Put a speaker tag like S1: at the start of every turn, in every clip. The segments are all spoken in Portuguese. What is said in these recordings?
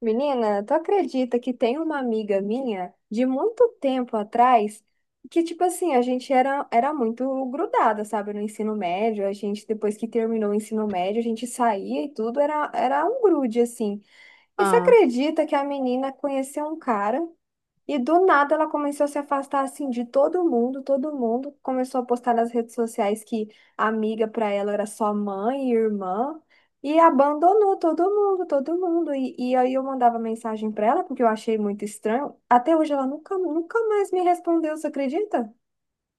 S1: Menina, tu acredita que tem uma amiga minha de muito tempo atrás que, tipo assim, a gente era muito grudada, sabe, no ensino médio. A gente, depois que terminou o ensino médio, a gente saía e tudo, era um grude, assim. E você
S2: Ah,
S1: acredita que a menina conheceu um cara? E do nada ela começou a se afastar assim de todo mundo começou a postar nas redes sociais que a amiga para ela era só mãe e irmã e abandonou todo mundo, todo mundo. E aí eu mandava mensagem para ela porque eu achei muito estranho. Até hoje ela nunca, nunca mais me respondeu, você acredita?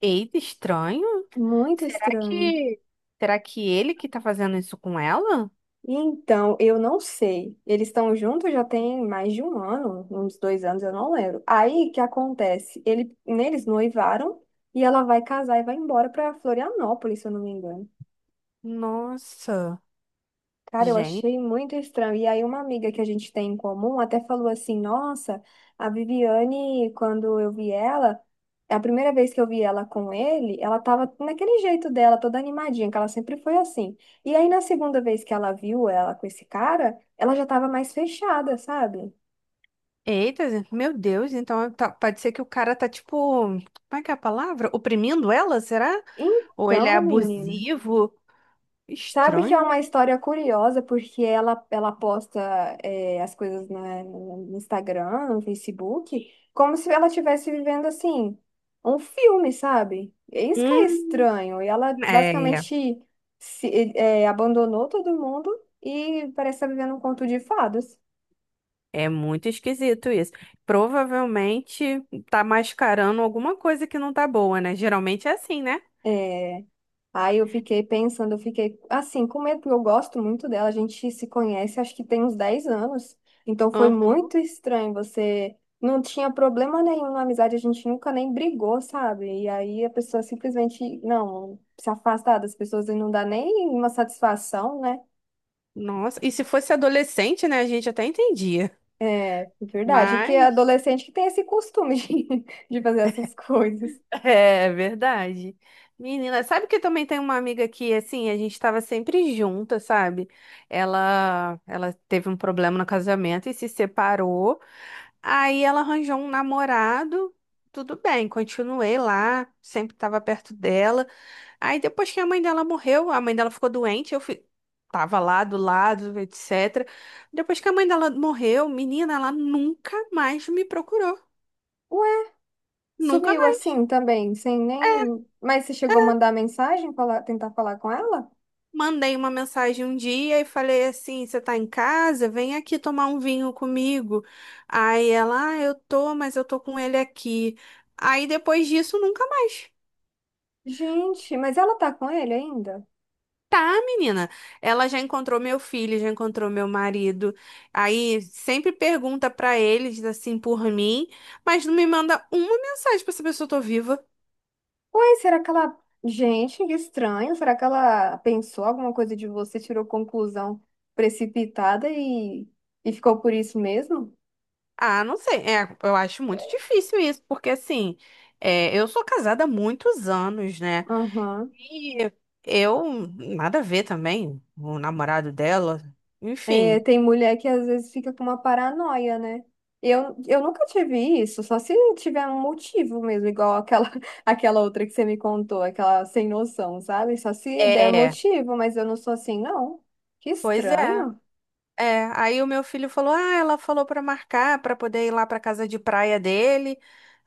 S2: eita, estranho.
S1: Muito
S2: Será
S1: estranho.
S2: que será que ele que tá fazendo isso com ela?
S1: Então, eu não sei. Eles estão juntos já tem mais de um ano, uns 2 anos, eu não lembro. Aí, o que acontece? Ele, eles noivaram e ela vai casar e vai embora para Florianópolis, se eu não me engano.
S2: Nossa,
S1: Cara, eu
S2: gente.
S1: achei muito estranho. E aí, uma amiga que a gente tem em comum até falou assim: "Nossa, a Viviane, quando eu vi ela, a primeira vez que eu vi ela com ele, ela tava naquele jeito dela, toda animadinha, que ela sempre foi assim. E aí, na segunda vez que ela viu ela com esse cara, ela já tava mais fechada, sabe?"
S2: Eita, meu Deus, pode ser que o cara tá tipo, como é que é a palavra? Oprimindo ela, será? Ou ele é
S1: Então, menina.
S2: abusivo?
S1: Sabe que é
S2: Estranho.
S1: uma história curiosa, porque ela posta as coisas no Instagram, no Facebook, como se ela estivesse vivendo assim, um filme, sabe? É isso que é
S2: Hum,
S1: estranho. E ela
S2: é,
S1: basicamente se, é, abandonou todo mundo e parece estar vivendo um conto de fadas.
S2: é muito esquisito isso. Provavelmente tá mascarando alguma coisa que não tá boa, né? Geralmente é assim, né?
S1: É. Aí eu fiquei pensando, eu fiquei assim, com medo, porque eu gosto muito dela, a gente se conhece, acho que tem uns 10 anos. Então foi
S2: Aham.
S1: muito estranho, você não tinha problema nenhum na amizade, a gente nunca nem brigou, sabe? E aí a pessoa simplesmente, não, se afastar das pessoas e não dá nem uma satisfação, né?
S2: Nossa, e se fosse adolescente, né, a gente até entendia.
S1: É, é verdade, que é
S2: Mas
S1: adolescente que tem esse costume de, de fazer essas coisas.
S2: é verdade. Menina, sabe que também tem uma amiga que assim, a gente estava sempre junta, sabe? Ela teve um problema no casamento e se separou. Aí ela arranjou um namorado. Tudo bem, continuei lá, sempre estava perto dela. Aí depois que a mãe dela morreu, a mãe dela ficou doente, eu fui, tava lá do lado, etc. Depois que a mãe dela morreu, menina, ela nunca mais me procurou.
S1: Ué,
S2: Nunca
S1: sumiu
S2: mais.
S1: assim também, sem nem. Mas você chegou a mandar mensagem, falar, tentar falar com ela?
S2: Mandei uma mensagem um dia e falei assim: você tá em casa? Vem aqui tomar um vinho comigo. Aí ela, ah, eu tô, mas eu tô com ele aqui. Aí depois disso, nunca mais.
S1: Gente, mas ela tá com ele ainda?
S2: Tá, menina. Ela já encontrou meu filho, já encontrou meu marido. Aí sempre pergunta pra eles assim por mim, mas não me manda uma mensagem pra saber se eu tô viva.
S1: Ué, será que ela. Gente, que estranho. Será que ela pensou alguma coisa de você, tirou conclusão precipitada e ficou por isso mesmo?
S2: Ah, não sei. É, eu acho muito difícil isso, porque assim, é, eu sou casada há muitos anos, né?
S1: Aham.
S2: E eu nada a ver também, o namorado dela.
S1: É,
S2: Enfim,
S1: tem mulher que às vezes fica com uma paranoia, né? Eu nunca tive isso, só se tiver um motivo mesmo, igual aquela, aquela outra que você me contou, aquela sem noção, sabe? Só se der
S2: é,
S1: motivo, mas eu não sou assim, não. Que
S2: pois é.
S1: estranho.
S2: É, aí o meu filho falou: "Ah, ela falou pra marcar pra poder ir lá pra casa de praia dele".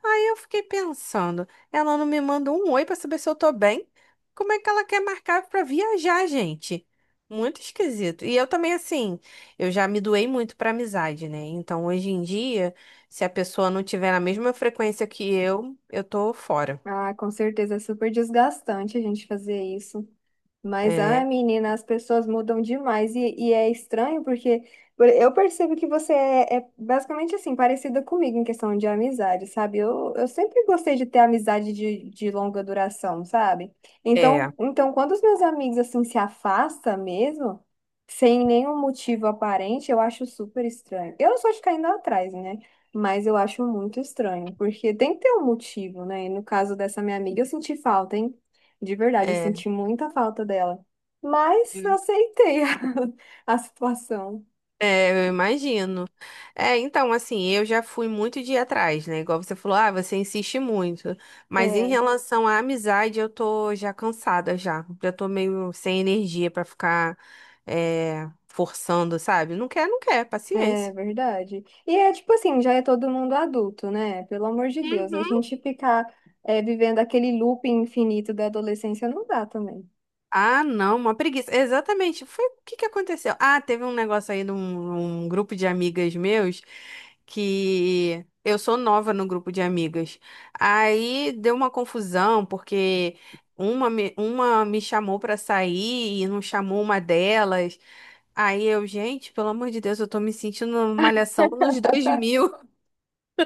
S2: Aí eu fiquei pensando, ela não me manda um oi pra saber se eu tô bem? Como é que ela quer marcar pra viajar, gente? Muito esquisito. E eu também assim, eu já me doei muito pra amizade, né? Então hoje em dia, se a pessoa não tiver na mesma frequência que eu tô fora.
S1: Ah, com certeza é super desgastante a gente fazer isso. Mas, ai,
S2: É,
S1: menina, as pessoas mudam demais e é estranho porque eu percebo que você é basicamente assim, parecida comigo em questão de amizade, sabe? Eu sempre gostei de ter amizade de longa duração, sabe?
S2: é,
S1: Então, quando os meus amigos assim se afastam mesmo, sem nenhum motivo aparente, eu acho super estranho. Eu não sou de ficar indo atrás, né? Mas eu acho muito estranho, porque tem que ter um motivo, né? E no caso dessa minha amiga, eu senti falta, hein? De verdade, eu
S2: é.
S1: senti muita falta dela. Mas aceitei a situação.
S2: É, eu imagino. É, então, assim, eu já fui muito de ir atrás, né? Igual você falou, ah, você insiste muito. Mas em
S1: É,
S2: relação à amizade, eu tô já cansada já. Já tô meio sem energia pra ficar forçando, sabe? Não quer, não quer,
S1: é
S2: paciência.
S1: verdade. E é tipo assim, já é todo mundo adulto, né? Pelo amor de Deus, a
S2: Uhum.
S1: gente ficar vivendo aquele looping infinito da adolescência não dá também.
S2: Ah, não, uma preguiça. Exatamente. Foi o que que aconteceu? Ah, teve um negócio aí de um grupo de amigas meus que eu sou nova no grupo de amigas. Aí deu uma confusão porque uma me chamou pra sair e não chamou uma delas. Aí eu, gente, pelo amor de Deus, eu tô me sentindo numa malhação nos 2000.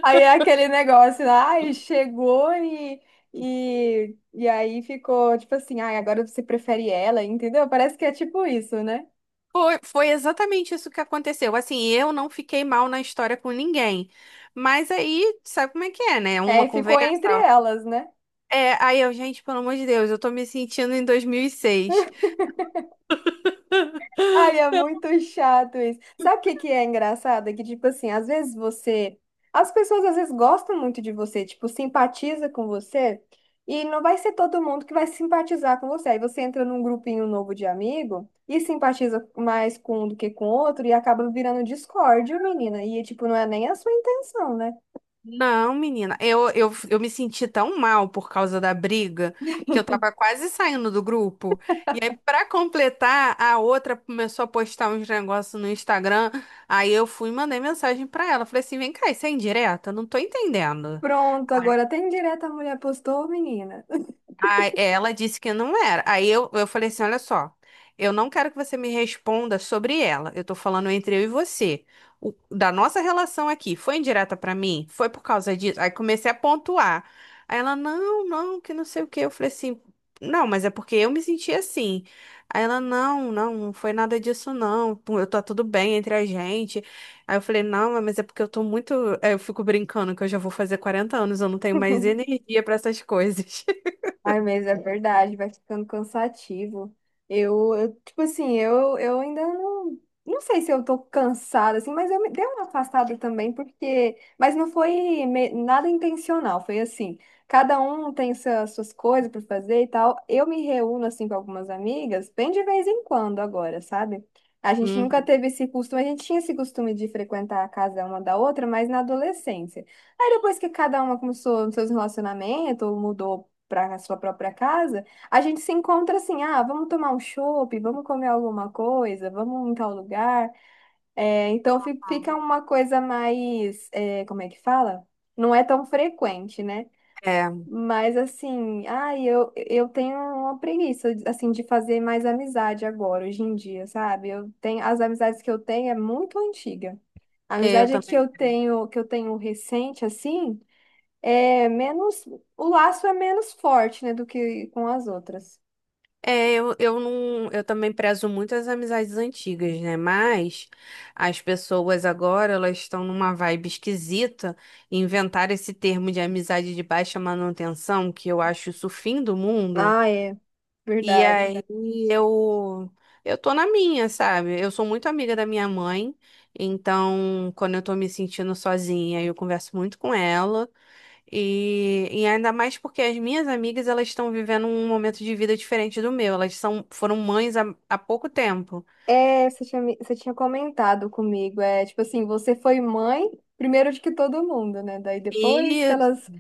S1: Aí é aquele negócio, ai, chegou e aí ficou tipo assim, ai, agora você prefere ela, entendeu? Parece que é tipo isso, né?
S2: Foi exatamente isso que aconteceu. Assim, eu não fiquei mal na história com ninguém. Mas aí, sabe como é que é, né? Uma
S1: É, ficou entre
S2: conversa.
S1: elas, né?
S2: É, aí eu, gente, pelo amor de Deus, eu tô me sentindo em 2006.
S1: Ai, é muito chato isso. Sabe o que que é engraçado? É que, tipo assim, às vezes você. As pessoas às vezes gostam muito de você, tipo, simpatiza com você, e não vai ser todo mundo que vai simpatizar com você. Aí você entra num grupinho novo de amigo e simpatiza mais com um do que com outro e acaba virando discórdia, menina. E, tipo, não é nem a sua intenção, né?
S2: Não, menina, eu me senti tão mal por causa da briga que eu tava quase saindo do grupo. E aí, pra completar, a outra começou a postar uns negócios no Instagram. Aí eu fui e mandei mensagem pra ela. Falei assim: vem cá, isso é indireta? Eu não tô entendendo.
S1: Pronto, agora tem direto a mulher postou, menina.
S2: Aí ela disse que não era. Aí eu falei assim: olha só, eu não quero que você me responda sobre ela. Eu tô falando entre eu e você. Da nossa relação aqui, foi indireta pra mim? Foi por causa disso? Aí comecei a pontuar. Aí ela, não, não, que não sei o quê. Eu falei assim, não, mas é porque eu me senti assim. Aí ela, não, não, não foi nada disso, não. Pô, eu tá tudo bem entre a gente. Aí eu falei, não, mas é porque eu tô muito. Aí eu fico brincando que eu já vou fazer 40 anos, eu não tenho mais energia pra essas coisas.
S1: Ai, mas é verdade, vai ficando cansativo. Eu, tipo assim, eu ainda não sei se eu tô cansada, assim, mas eu me dei uma afastada também, porque. Mas não foi nada intencional, foi assim. Cada um tem suas coisas para fazer e tal. Eu me reúno, assim, com algumas amigas, bem de vez em quando agora, sabe? A gente nunca teve esse costume, a gente tinha esse costume de frequentar a casa uma da outra, mas na adolescência. Aí depois que cada uma começou nos seus relacionamentos, ou mudou para a sua própria casa, a gente se encontra assim, ah, vamos tomar um chopp, vamos comer alguma coisa, vamos em tal lugar. É, então fica uma coisa mais, é, como é que fala? Não é tão frequente, né?
S2: É,
S1: Mas assim, ai, eu tenho uma preguiça assim de fazer mais amizade agora, hoje em dia, sabe? Eu tenho as amizades que eu tenho é muito antiga. A
S2: é, eu
S1: amizade que
S2: também.
S1: eu tenho, que eu tenho recente assim, é menos, o laço é menos forte, né, do que com as outras.
S2: É, eu não, eu também prezo muito as amizades antigas, né? Mas as pessoas agora, elas estão numa vibe esquisita, inventaram esse termo de amizade de baixa manutenção, que eu acho isso o fim do mundo.
S1: Ah, é,
S2: E
S1: verdade.
S2: aí eu eu tô na minha, sabe? Eu sou muito amiga da minha mãe, então quando eu tô me sentindo sozinha, eu converso muito com ela. E ainda mais porque as minhas amigas elas estão vivendo um momento de vida diferente do meu. Elas foram mães há pouco tempo.
S1: É, você tinha, você tinha comentado comigo, é, tipo assim, você foi mãe primeiro de que todo mundo, né? Daí depois que
S2: E
S1: elas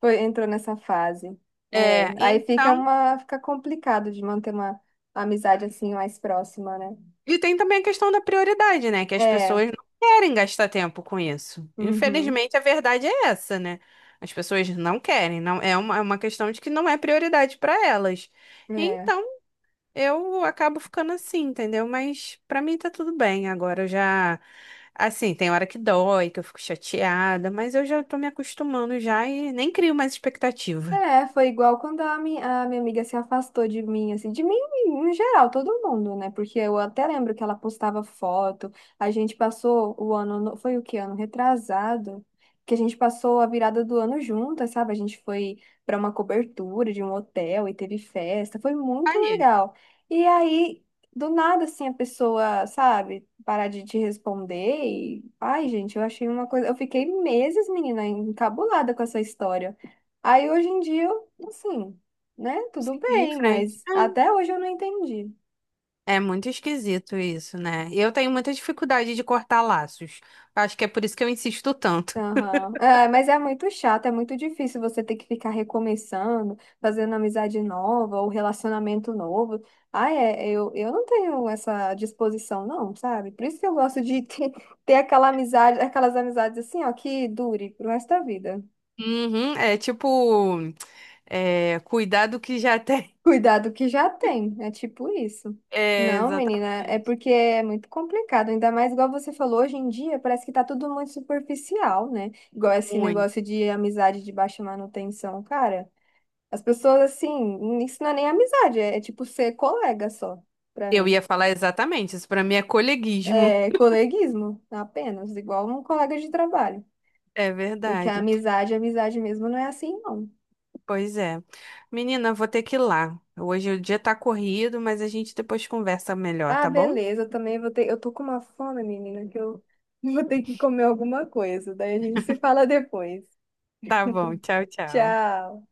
S1: foi, entrou nessa fase.
S2: é,
S1: É, aí fica
S2: então,
S1: uma, fica complicado de manter uma amizade assim mais próxima, né?
S2: e tem também a questão da prioridade, né? Que as
S1: É,
S2: pessoas não querem gastar tempo com isso.
S1: uhum,
S2: Infelizmente, a verdade é essa, né? As pessoas não querem, não é uma, é uma questão de que não é prioridade para elas.
S1: é.
S2: Então, eu acabo ficando assim, entendeu? Mas pra mim tá tudo bem. Agora eu já. Assim, tem hora que dói, que eu fico chateada, mas eu já tô me acostumando já e nem crio mais expectativa.
S1: É, foi igual quando a minha amiga se afastou de mim em geral, todo mundo, né? Porque eu até lembro que ela postava foto, a gente passou o ano, foi o que ano? Retrasado, que a gente passou a virada do ano juntas, sabe? A gente foi para uma cobertura de um hotel e teve festa, foi muito
S2: Aí,
S1: legal. E aí, do nada, assim, a pessoa, sabe, parar de te responder e, ai, gente, eu achei uma coisa, eu fiquei meses, menina, encabulada com essa história. Aí hoje em dia, eu, assim, né? Tudo
S2: seguiu em
S1: bem,
S2: frente.
S1: mas até hoje eu não entendi.
S2: É muito esquisito isso, né? E eu tenho muita dificuldade de cortar laços. Acho que é por isso que eu insisto tanto.
S1: Aham. É, mas é muito chato, é muito difícil você ter que ficar recomeçando, fazendo amizade nova ou relacionamento novo. Ah, é, eu não tenho essa disposição, não, sabe? Por isso que eu gosto de ter, ter aquela amizade, aquelas amizades assim, ó, que dure pro resto da vida.
S2: Uhum, é tipo, cuidar do que já tem.
S1: Cuidado que já tem, é tipo isso.
S2: É,
S1: Não, menina, é
S2: exatamente.
S1: porque é muito complicado, ainda mais igual você falou, hoje em dia parece que tá tudo muito superficial, né? Igual esse
S2: Muito.
S1: negócio de amizade de baixa manutenção, cara. As pessoas assim, isso não é nem amizade, é tipo ser colega só, pra
S2: Eu
S1: mim.
S2: ia falar exatamente, isso pra mim é coleguismo.
S1: É coleguismo, apenas, igual um colega de trabalho.
S2: É
S1: Porque
S2: verdade.
S1: a amizade mesmo não é assim, não.
S2: Pois é. Menina, vou ter que ir lá. Hoje o dia tá corrido, mas a gente depois conversa melhor,
S1: Ah,
S2: tá bom?
S1: beleza, eu também vou ter. Eu tô com uma fome, menina, que eu vou ter que comer alguma coisa. Daí a gente se fala depois.
S2: Tá bom. Tchau, tchau.
S1: Tchau.